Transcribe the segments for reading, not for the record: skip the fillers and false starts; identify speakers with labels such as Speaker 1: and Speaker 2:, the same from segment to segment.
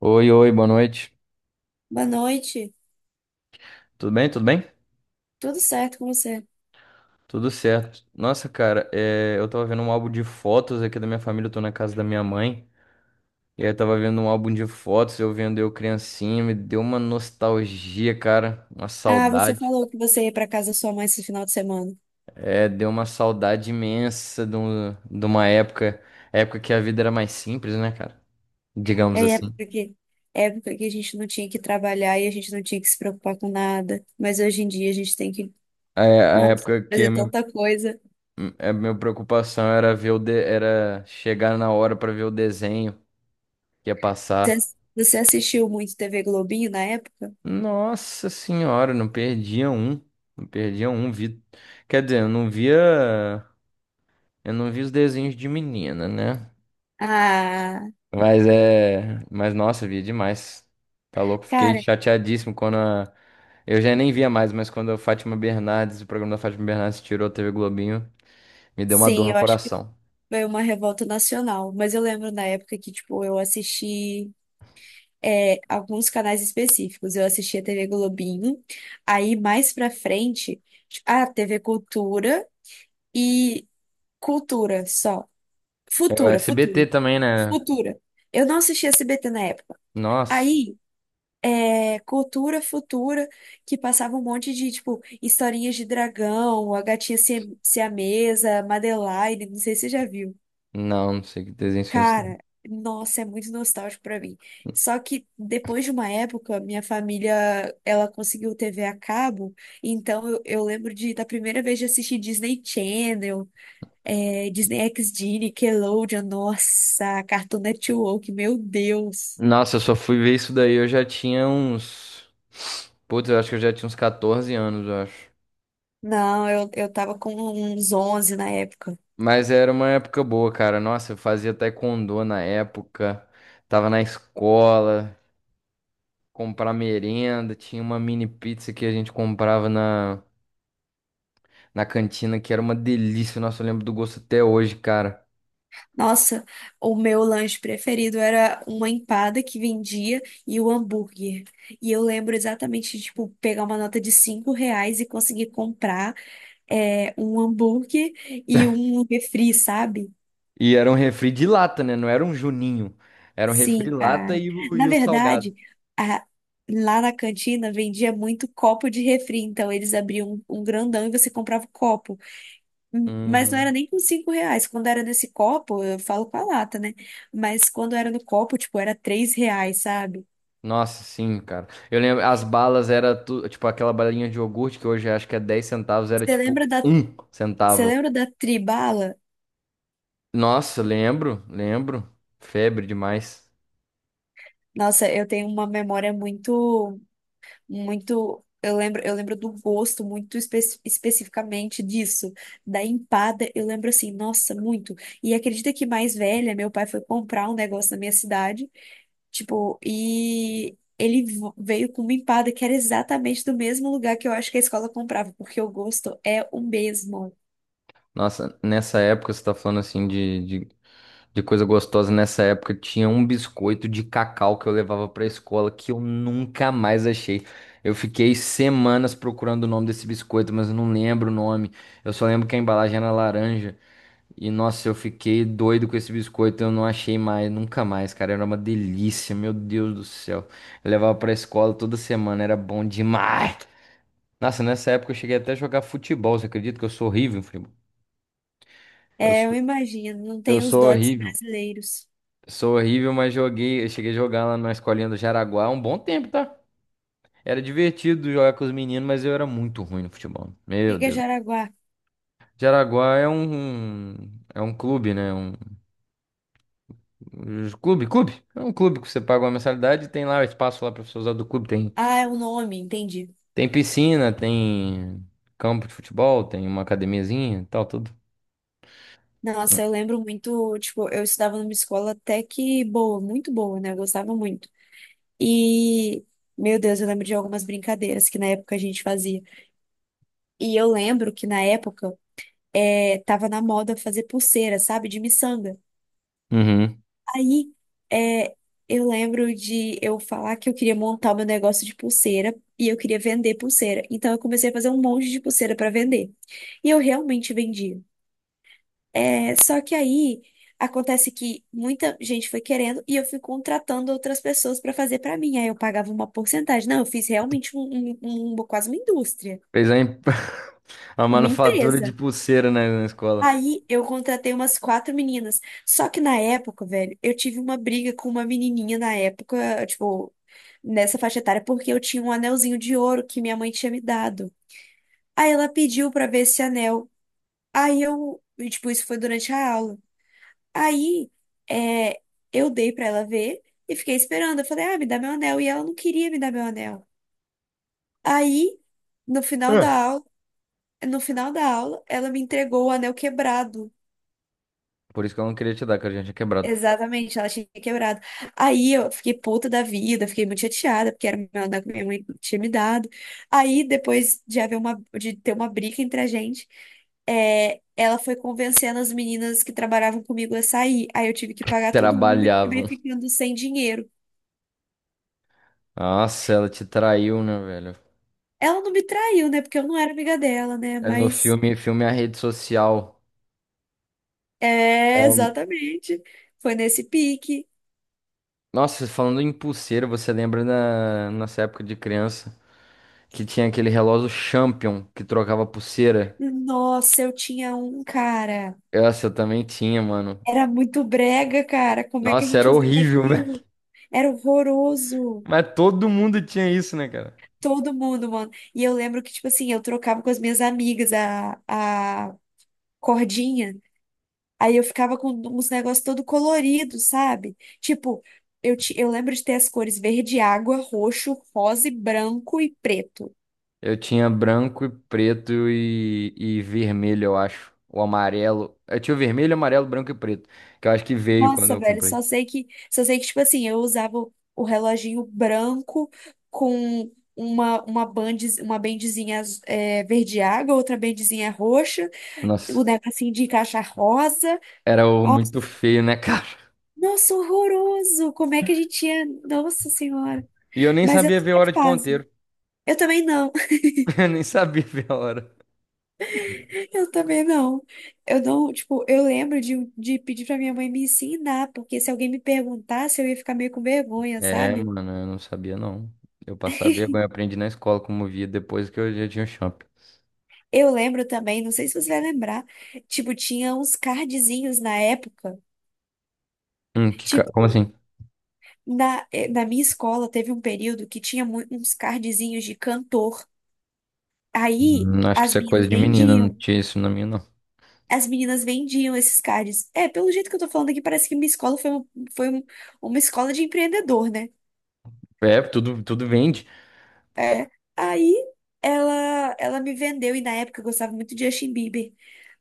Speaker 1: Oi, oi, boa noite.
Speaker 2: Boa noite.
Speaker 1: Tudo bem? Tudo bem?
Speaker 2: Tudo certo com você?
Speaker 1: Tudo certo. Nossa, cara, eu tava vendo um álbum de fotos aqui da minha família, eu tô na casa da minha mãe. E aí eu tava vendo um álbum de fotos, eu vendo eu criancinha, me deu uma nostalgia, cara, uma
Speaker 2: Ah, você
Speaker 1: saudade.
Speaker 2: falou que você ia para casa da sua mãe esse final de semana.
Speaker 1: É, deu uma saudade imensa de uma época, época que a vida era mais simples, né, cara? Digamos
Speaker 2: É
Speaker 1: assim.
Speaker 2: época que, época que a gente não tinha que trabalhar e a gente não tinha que se preocupar com nada. Mas hoje em dia a gente tem que,
Speaker 1: A
Speaker 2: nossa,
Speaker 1: época que
Speaker 2: fazer tanta coisa.
Speaker 1: a minha preocupação era era chegar na hora pra ver o desenho que ia
Speaker 2: Você,
Speaker 1: passar.
Speaker 2: você assistiu muito TV Globinho na época?
Speaker 1: Nossa senhora, não perdia um. Não perdia um. Quer dizer, eu não via. Eu não vi os desenhos de menina, né?
Speaker 2: Ah,
Speaker 1: Mas é. Mas nossa, via demais. Tá louco? Fiquei
Speaker 2: cara,
Speaker 1: chateadíssimo quando a. Eu já nem via mais, mas quando a Fátima Bernardes, o programa da Fátima Bernardes tirou a TV Globinho, me deu uma dor
Speaker 2: sim,
Speaker 1: no
Speaker 2: eu acho que
Speaker 1: coração.
Speaker 2: foi uma revolta nacional. Mas eu lembro na época que, tipo, eu assisti. É, alguns canais específicos. Eu assistia TV Globinho, aí mais pra frente, a TV Cultura e Cultura só.
Speaker 1: É o
Speaker 2: Futura,
Speaker 1: SBT
Speaker 2: Futura,
Speaker 1: também, né?
Speaker 2: Futura. Eu não assistia SBT na época.
Speaker 1: Nossa.
Speaker 2: Aí, Cultura, Futura, que passava um monte de, tipo, historinhas de dragão, a gatinha siamesa, Madeline, não sei se você já viu.
Speaker 1: Não, não sei que desenho foi esse.
Speaker 2: Cara, nossa, é muito nostálgico pra mim. Só que depois de uma época, minha família, ela conseguiu TV a cabo, então eu lembro da primeira vez de assistir Disney Channel, Disney XD, Nickelodeon, nossa, Cartoon Network, meu Deus.
Speaker 1: Nossa, eu só fui ver isso daí, eu já tinha uns. Putz, eu acho que eu já tinha uns 14 anos, eu acho.
Speaker 2: Não, eu tava com uns 11 na época.
Speaker 1: Mas era uma época boa, cara. Nossa, eu fazia taekwondo na época, tava na escola, comprar merenda, tinha uma mini pizza que a gente comprava na cantina, que era uma delícia. Nossa, eu lembro do gosto até hoje, cara.
Speaker 2: Nossa, o meu lanche preferido era uma empada que vendia e o hambúrguer. E eu lembro exatamente de, tipo, pegar uma nota de 5 reais e conseguir comprar um hambúrguer e um refri, sabe?
Speaker 1: E era um refri de lata, né? Não era um juninho. Era um refri
Speaker 2: Sim,
Speaker 1: lata
Speaker 2: cara.
Speaker 1: e e
Speaker 2: Na
Speaker 1: o salgado.
Speaker 2: verdade, a- lá na cantina vendia muito copo de refri, então eles abriam um grandão e você comprava o copo. Hum. Mas não era
Speaker 1: Uhum.
Speaker 2: nem com 5 reais. Quando era nesse copo, eu falo com a lata, né? Mas quando era no copo, tipo, era 3 reais, sabe?
Speaker 1: Nossa, sim, cara. Eu lembro, as balas tipo aquela balinha de iogurte que hoje acho que é 10 centavos, era
Speaker 2: Você
Speaker 1: tipo
Speaker 2: lembra da,
Speaker 1: um
Speaker 2: Você
Speaker 1: centavo.
Speaker 2: lembra da Tribala?
Speaker 1: Nossa, lembro, lembro. Febre demais.
Speaker 2: Nossa, eu tenho uma memória muito, muito. Eu lembro do gosto muito especificamente disso, da empada. Eu lembro assim, nossa, muito. E acredita que mais velha, meu pai foi comprar um negócio na minha cidade. Tipo, e ele veio com uma empada que era exatamente do mesmo lugar que eu acho que a escola comprava, porque o gosto é o mesmo.
Speaker 1: Nossa, nessa época você tá falando assim de coisa gostosa. Nessa época tinha um biscoito de cacau que eu levava pra escola que eu nunca mais achei. Eu fiquei semanas procurando o nome desse biscoito, mas eu não lembro o nome. Eu só lembro que a embalagem era laranja. E nossa, eu fiquei doido com esse biscoito, eu não achei mais, nunca mais, cara. Era uma delícia, meu Deus do céu. Eu levava pra escola toda semana, era bom demais. Nossa, nessa época eu cheguei até a jogar futebol, você acredita que eu sou horrível, primo? Eu
Speaker 2: É, eu
Speaker 1: sou,
Speaker 2: imagino, não
Speaker 1: eu
Speaker 2: tem os
Speaker 1: sou
Speaker 2: dotes
Speaker 1: horrível.
Speaker 2: brasileiros.
Speaker 1: Sou horrível, mas joguei, eu cheguei a jogar lá na escolinha do Jaraguá há um bom tempo, tá? Era divertido jogar com os meninos, mas eu era muito ruim no futebol.
Speaker 2: O
Speaker 1: Meu
Speaker 2: que que é
Speaker 1: Deus.
Speaker 2: Jaraguá?
Speaker 1: Jaraguá é é um clube, né? Clube. É um clube que você paga uma mensalidade e tem lá o espaço lá para você usar do clube.
Speaker 2: Ah, é o nome, entendi.
Speaker 1: Tem piscina, tem campo de futebol, tem uma academiazinha e tal, tudo.
Speaker 2: Nossa, eu lembro muito, tipo, eu estudava numa escola até que boa, muito boa, né? Eu gostava muito. E, meu Deus, eu lembro de algumas brincadeiras que na época a gente fazia. E eu lembro que na época, tava na moda fazer pulseira, sabe? De miçanga.
Speaker 1: Uhum.
Speaker 2: Aí, é, eu lembro de eu falar que eu queria montar o meu negócio de pulseira e eu queria vender pulseira. Então, eu comecei a fazer um monte de pulseira para vender. E eu realmente vendia. Só que aí acontece que muita gente foi querendo e eu fui contratando outras pessoas para fazer para mim. Aí eu pagava uma porcentagem. Não, eu fiz realmente quase uma indústria,
Speaker 1: Fez a, imp- a
Speaker 2: uma
Speaker 1: manufatura de
Speaker 2: empresa.
Speaker 1: pulseira na escola.
Speaker 2: Aí eu contratei umas quatro meninas. Só que na época, velho, eu tive uma briga com uma menininha na época, tipo, nessa faixa etária, porque eu tinha um anelzinho de ouro que minha mãe tinha me dado. Aí ela pediu pra ver esse anel. Aí tipo, isso foi durante a aula. Aí, é, eu dei pra ela ver e fiquei esperando. Eu falei, ah, me dá meu anel. E ela não queria me dar meu anel. Aí, no final da
Speaker 1: É.
Speaker 2: aula, no final da aula, ela me entregou o anel quebrado.
Speaker 1: Por isso que eu não queria te dar, que a gente tinha quebrado.
Speaker 2: Exatamente, ela tinha quebrado. Aí eu fiquei puta da vida, fiquei muito chateada, porque era o meu andar que minha mãe tinha me dado. Aí, depois de de ter uma briga entre a gente, ela foi convencendo as meninas que trabalhavam comigo a sair. Aí eu tive que pagar todo mundo e acabei
Speaker 1: Trabalhavam.
Speaker 2: ficando sem dinheiro.
Speaker 1: Nossa, ela te traiu, né, velho?
Speaker 2: Ela não me traiu, né? Porque eu não era amiga dela, né?
Speaker 1: É no
Speaker 2: Mas
Speaker 1: filme, filme A Rede Social.
Speaker 2: é, exatamente. Foi nesse pique.
Speaker 1: Nossa, falando em pulseira, você lembra nessa época de criança? Que tinha aquele relógio Champion que trocava pulseira.
Speaker 2: Nossa, eu tinha um cara.
Speaker 1: Essa eu também tinha, mano.
Speaker 2: Era muito brega, cara. Como é que a
Speaker 1: Nossa,
Speaker 2: gente
Speaker 1: era
Speaker 2: usava
Speaker 1: horrível, velho.
Speaker 2: aquilo? Era horroroso.
Speaker 1: Mas todo mundo tinha isso, né, cara?
Speaker 2: Todo mundo, mano. E eu lembro que, tipo assim, eu trocava com as minhas amigas a cordinha. Aí eu ficava com uns negócios todo colorido, sabe? Tipo, eu lembro de ter as cores verde água, roxo, rosa e branco e preto.
Speaker 1: Eu tinha branco e preto e vermelho, eu acho. O amarelo. Eu tinha o vermelho, amarelo, branco e preto. Que eu acho que veio quando
Speaker 2: Nossa,
Speaker 1: eu
Speaker 2: velho,
Speaker 1: comprei.
Speaker 2: só sei que, tipo assim, eu usava o reloginho branco com uma bendezinha verde água, outra bendezinha roxa, o
Speaker 1: Nossa,
Speaker 2: negocinho de caixa rosa.
Speaker 1: muito
Speaker 2: Nossa,
Speaker 1: feio, né, cara?
Speaker 2: nossa, horroroso! Como é que a gente tinha? Nossa Senhora!
Speaker 1: E eu nem
Speaker 2: Mas eu
Speaker 1: sabia
Speaker 2: tô
Speaker 1: ver a hora de
Speaker 2: fase.
Speaker 1: ponteiro.
Speaker 2: Eu também não,
Speaker 1: Eu nem sabia ver a hora.
Speaker 2: eu também não. Eu não, tipo, eu lembro de pedir pra minha mãe me ensinar, porque se alguém me perguntasse, eu ia ficar meio com vergonha,
Speaker 1: É,
Speaker 2: sabe?
Speaker 1: mano, eu não sabia, não. Eu passava vergonha, aprendi na escola como via depois que eu já tinha o Champion.
Speaker 2: Eu lembro também, não sei se você vai lembrar, tipo, tinha uns cardzinhos na época.
Speaker 1: Como
Speaker 2: Tipo,
Speaker 1: assim?
Speaker 2: na minha escola teve um período que tinha uns cardzinhos de cantor. Aí
Speaker 1: Acho que
Speaker 2: as
Speaker 1: isso é coisa
Speaker 2: meninas
Speaker 1: de menina, não
Speaker 2: vendiam.
Speaker 1: tinha isso na minha, não.
Speaker 2: As meninas vendiam esses cards. Pelo jeito que eu tô falando aqui, parece que minha escola foi foi um- uma escola de empreendedor, né?
Speaker 1: É, tudo, tudo vende.
Speaker 2: É. Aí ela me vendeu, e na época eu gostava muito de Justin Bieber.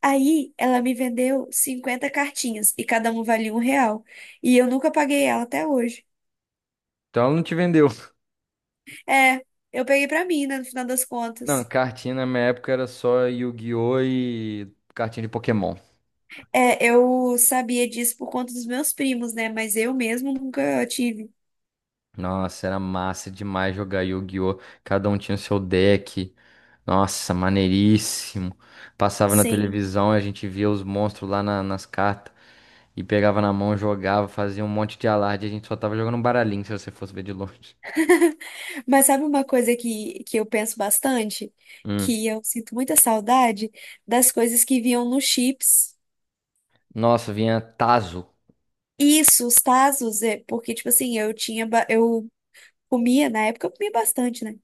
Speaker 2: Aí ela me vendeu 50 cartinhas e cada uma valia 1 real. E eu nunca paguei ela até hoje.
Speaker 1: Então ela não te vendeu.
Speaker 2: É, eu peguei pra mim, né, no final das
Speaker 1: Não,
Speaker 2: contas.
Speaker 1: cartinha na minha época era só Yu-Gi-Oh! E cartinha de Pokémon.
Speaker 2: É, eu sabia disso por conta dos meus primos, né? Mas eu mesmo nunca tive.
Speaker 1: Nossa, era massa demais jogar Yu-Gi-Oh! Cada um tinha o seu deck. Nossa, maneiríssimo. Passava na
Speaker 2: Sim.
Speaker 1: televisão, a gente via os monstros nas cartas. E pegava na mão, jogava, fazia um monte de alarde. A gente só tava jogando um baralhinho, se você fosse ver de longe.
Speaker 2: Mas sabe uma coisa que eu penso bastante?
Speaker 1: Hum.
Speaker 2: Que eu sinto muita saudade das coisas que vinham nos chips.
Speaker 1: Nossa, vinha Tazo.
Speaker 2: Isso, os Tazos, porque, tipo assim, eu comia, na época eu comia bastante, né?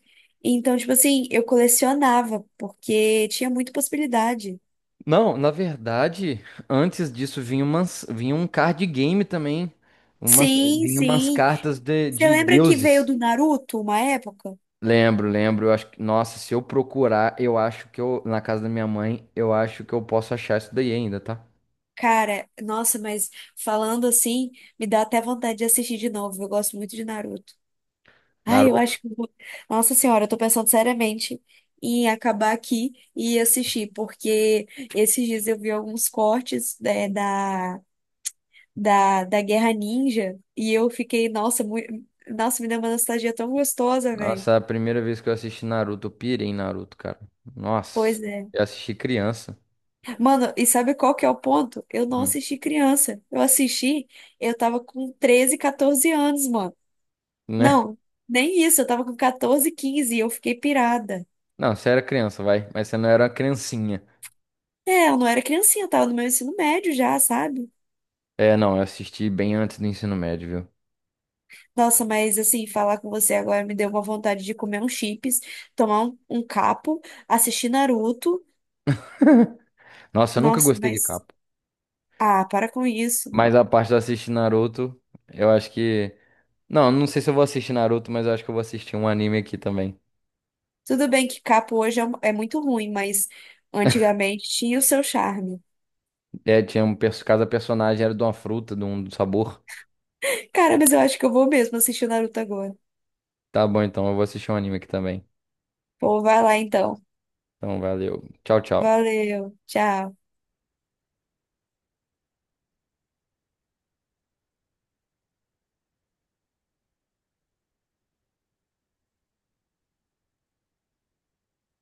Speaker 2: Então, tipo assim, eu colecionava, porque tinha muita possibilidade.
Speaker 1: Não, na verdade, antes disso vinha um card game também, uma,
Speaker 2: Sim,
Speaker 1: vinha umas
Speaker 2: sim.
Speaker 1: cartas
Speaker 2: Você
Speaker 1: de
Speaker 2: lembra que veio
Speaker 1: deuses.
Speaker 2: do Naruto uma época?
Speaker 1: Lembro, lembro. Eu acho que, nossa, se eu procurar, eu acho que eu, na casa da minha mãe, eu acho que eu posso achar isso daí ainda, tá?
Speaker 2: Cara, nossa, mas falando assim, me dá até vontade de assistir de novo. Eu gosto muito de Naruto. Ai, eu
Speaker 1: Naruto.
Speaker 2: acho que. Nossa Senhora, eu tô pensando seriamente em acabar aqui e assistir, porque esses dias eu vi alguns cortes, né, da Guerra Ninja e eu fiquei, nossa, me deu uma nostalgia tão gostosa, velho.
Speaker 1: Nossa, a primeira vez que eu assisti Naruto, eu pirei em Naruto, cara. Nossa,
Speaker 2: Pois é.
Speaker 1: eu assisti criança.
Speaker 2: Mano, e sabe qual que é o ponto? Eu não
Speaker 1: Hum,
Speaker 2: assisti criança. Eu tava com 13 14 anos, mano.
Speaker 1: né?
Speaker 2: Não, nem isso, eu tava com 14, 15 e eu fiquei pirada.
Speaker 1: Não, você era criança, vai, mas você não era uma criancinha.
Speaker 2: É, eu não era criancinha, eu tava no meu ensino médio já, sabe?
Speaker 1: É, não, eu assisti bem antes do ensino médio, viu?
Speaker 2: Nossa, mas assim, falar com você agora me deu uma vontade de comer um chips, tomar um capo, assistir Naruto.
Speaker 1: Nossa, eu nunca
Speaker 2: Nossa,
Speaker 1: gostei de
Speaker 2: mas.
Speaker 1: capa.
Speaker 2: Ah, para com isso.
Speaker 1: Mas a parte de assistir Naruto, eu acho que. Não, não sei se eu vou assistir Naruto, mas eu acho que eu vou assistir um anime aqui também.
Speaker 2: Tudo bem que capo hoje é muito ruim, mas antigamente tinha o seu charme.
Speaker 1: É, tinha cada personagem era de uma fruta, de um sabor.
Speaker 2: Cara, mas eu acho que eu vou mesmo assistir o Naruto agora.
Speaker 1: Tá bom, então eu vou assistir um anime aqui também.
Speaker 2: Pô, vai lá então.
Speaker 1: Então, valeu. Tchau, tchau.
Speaker 2: Valeu, tchau.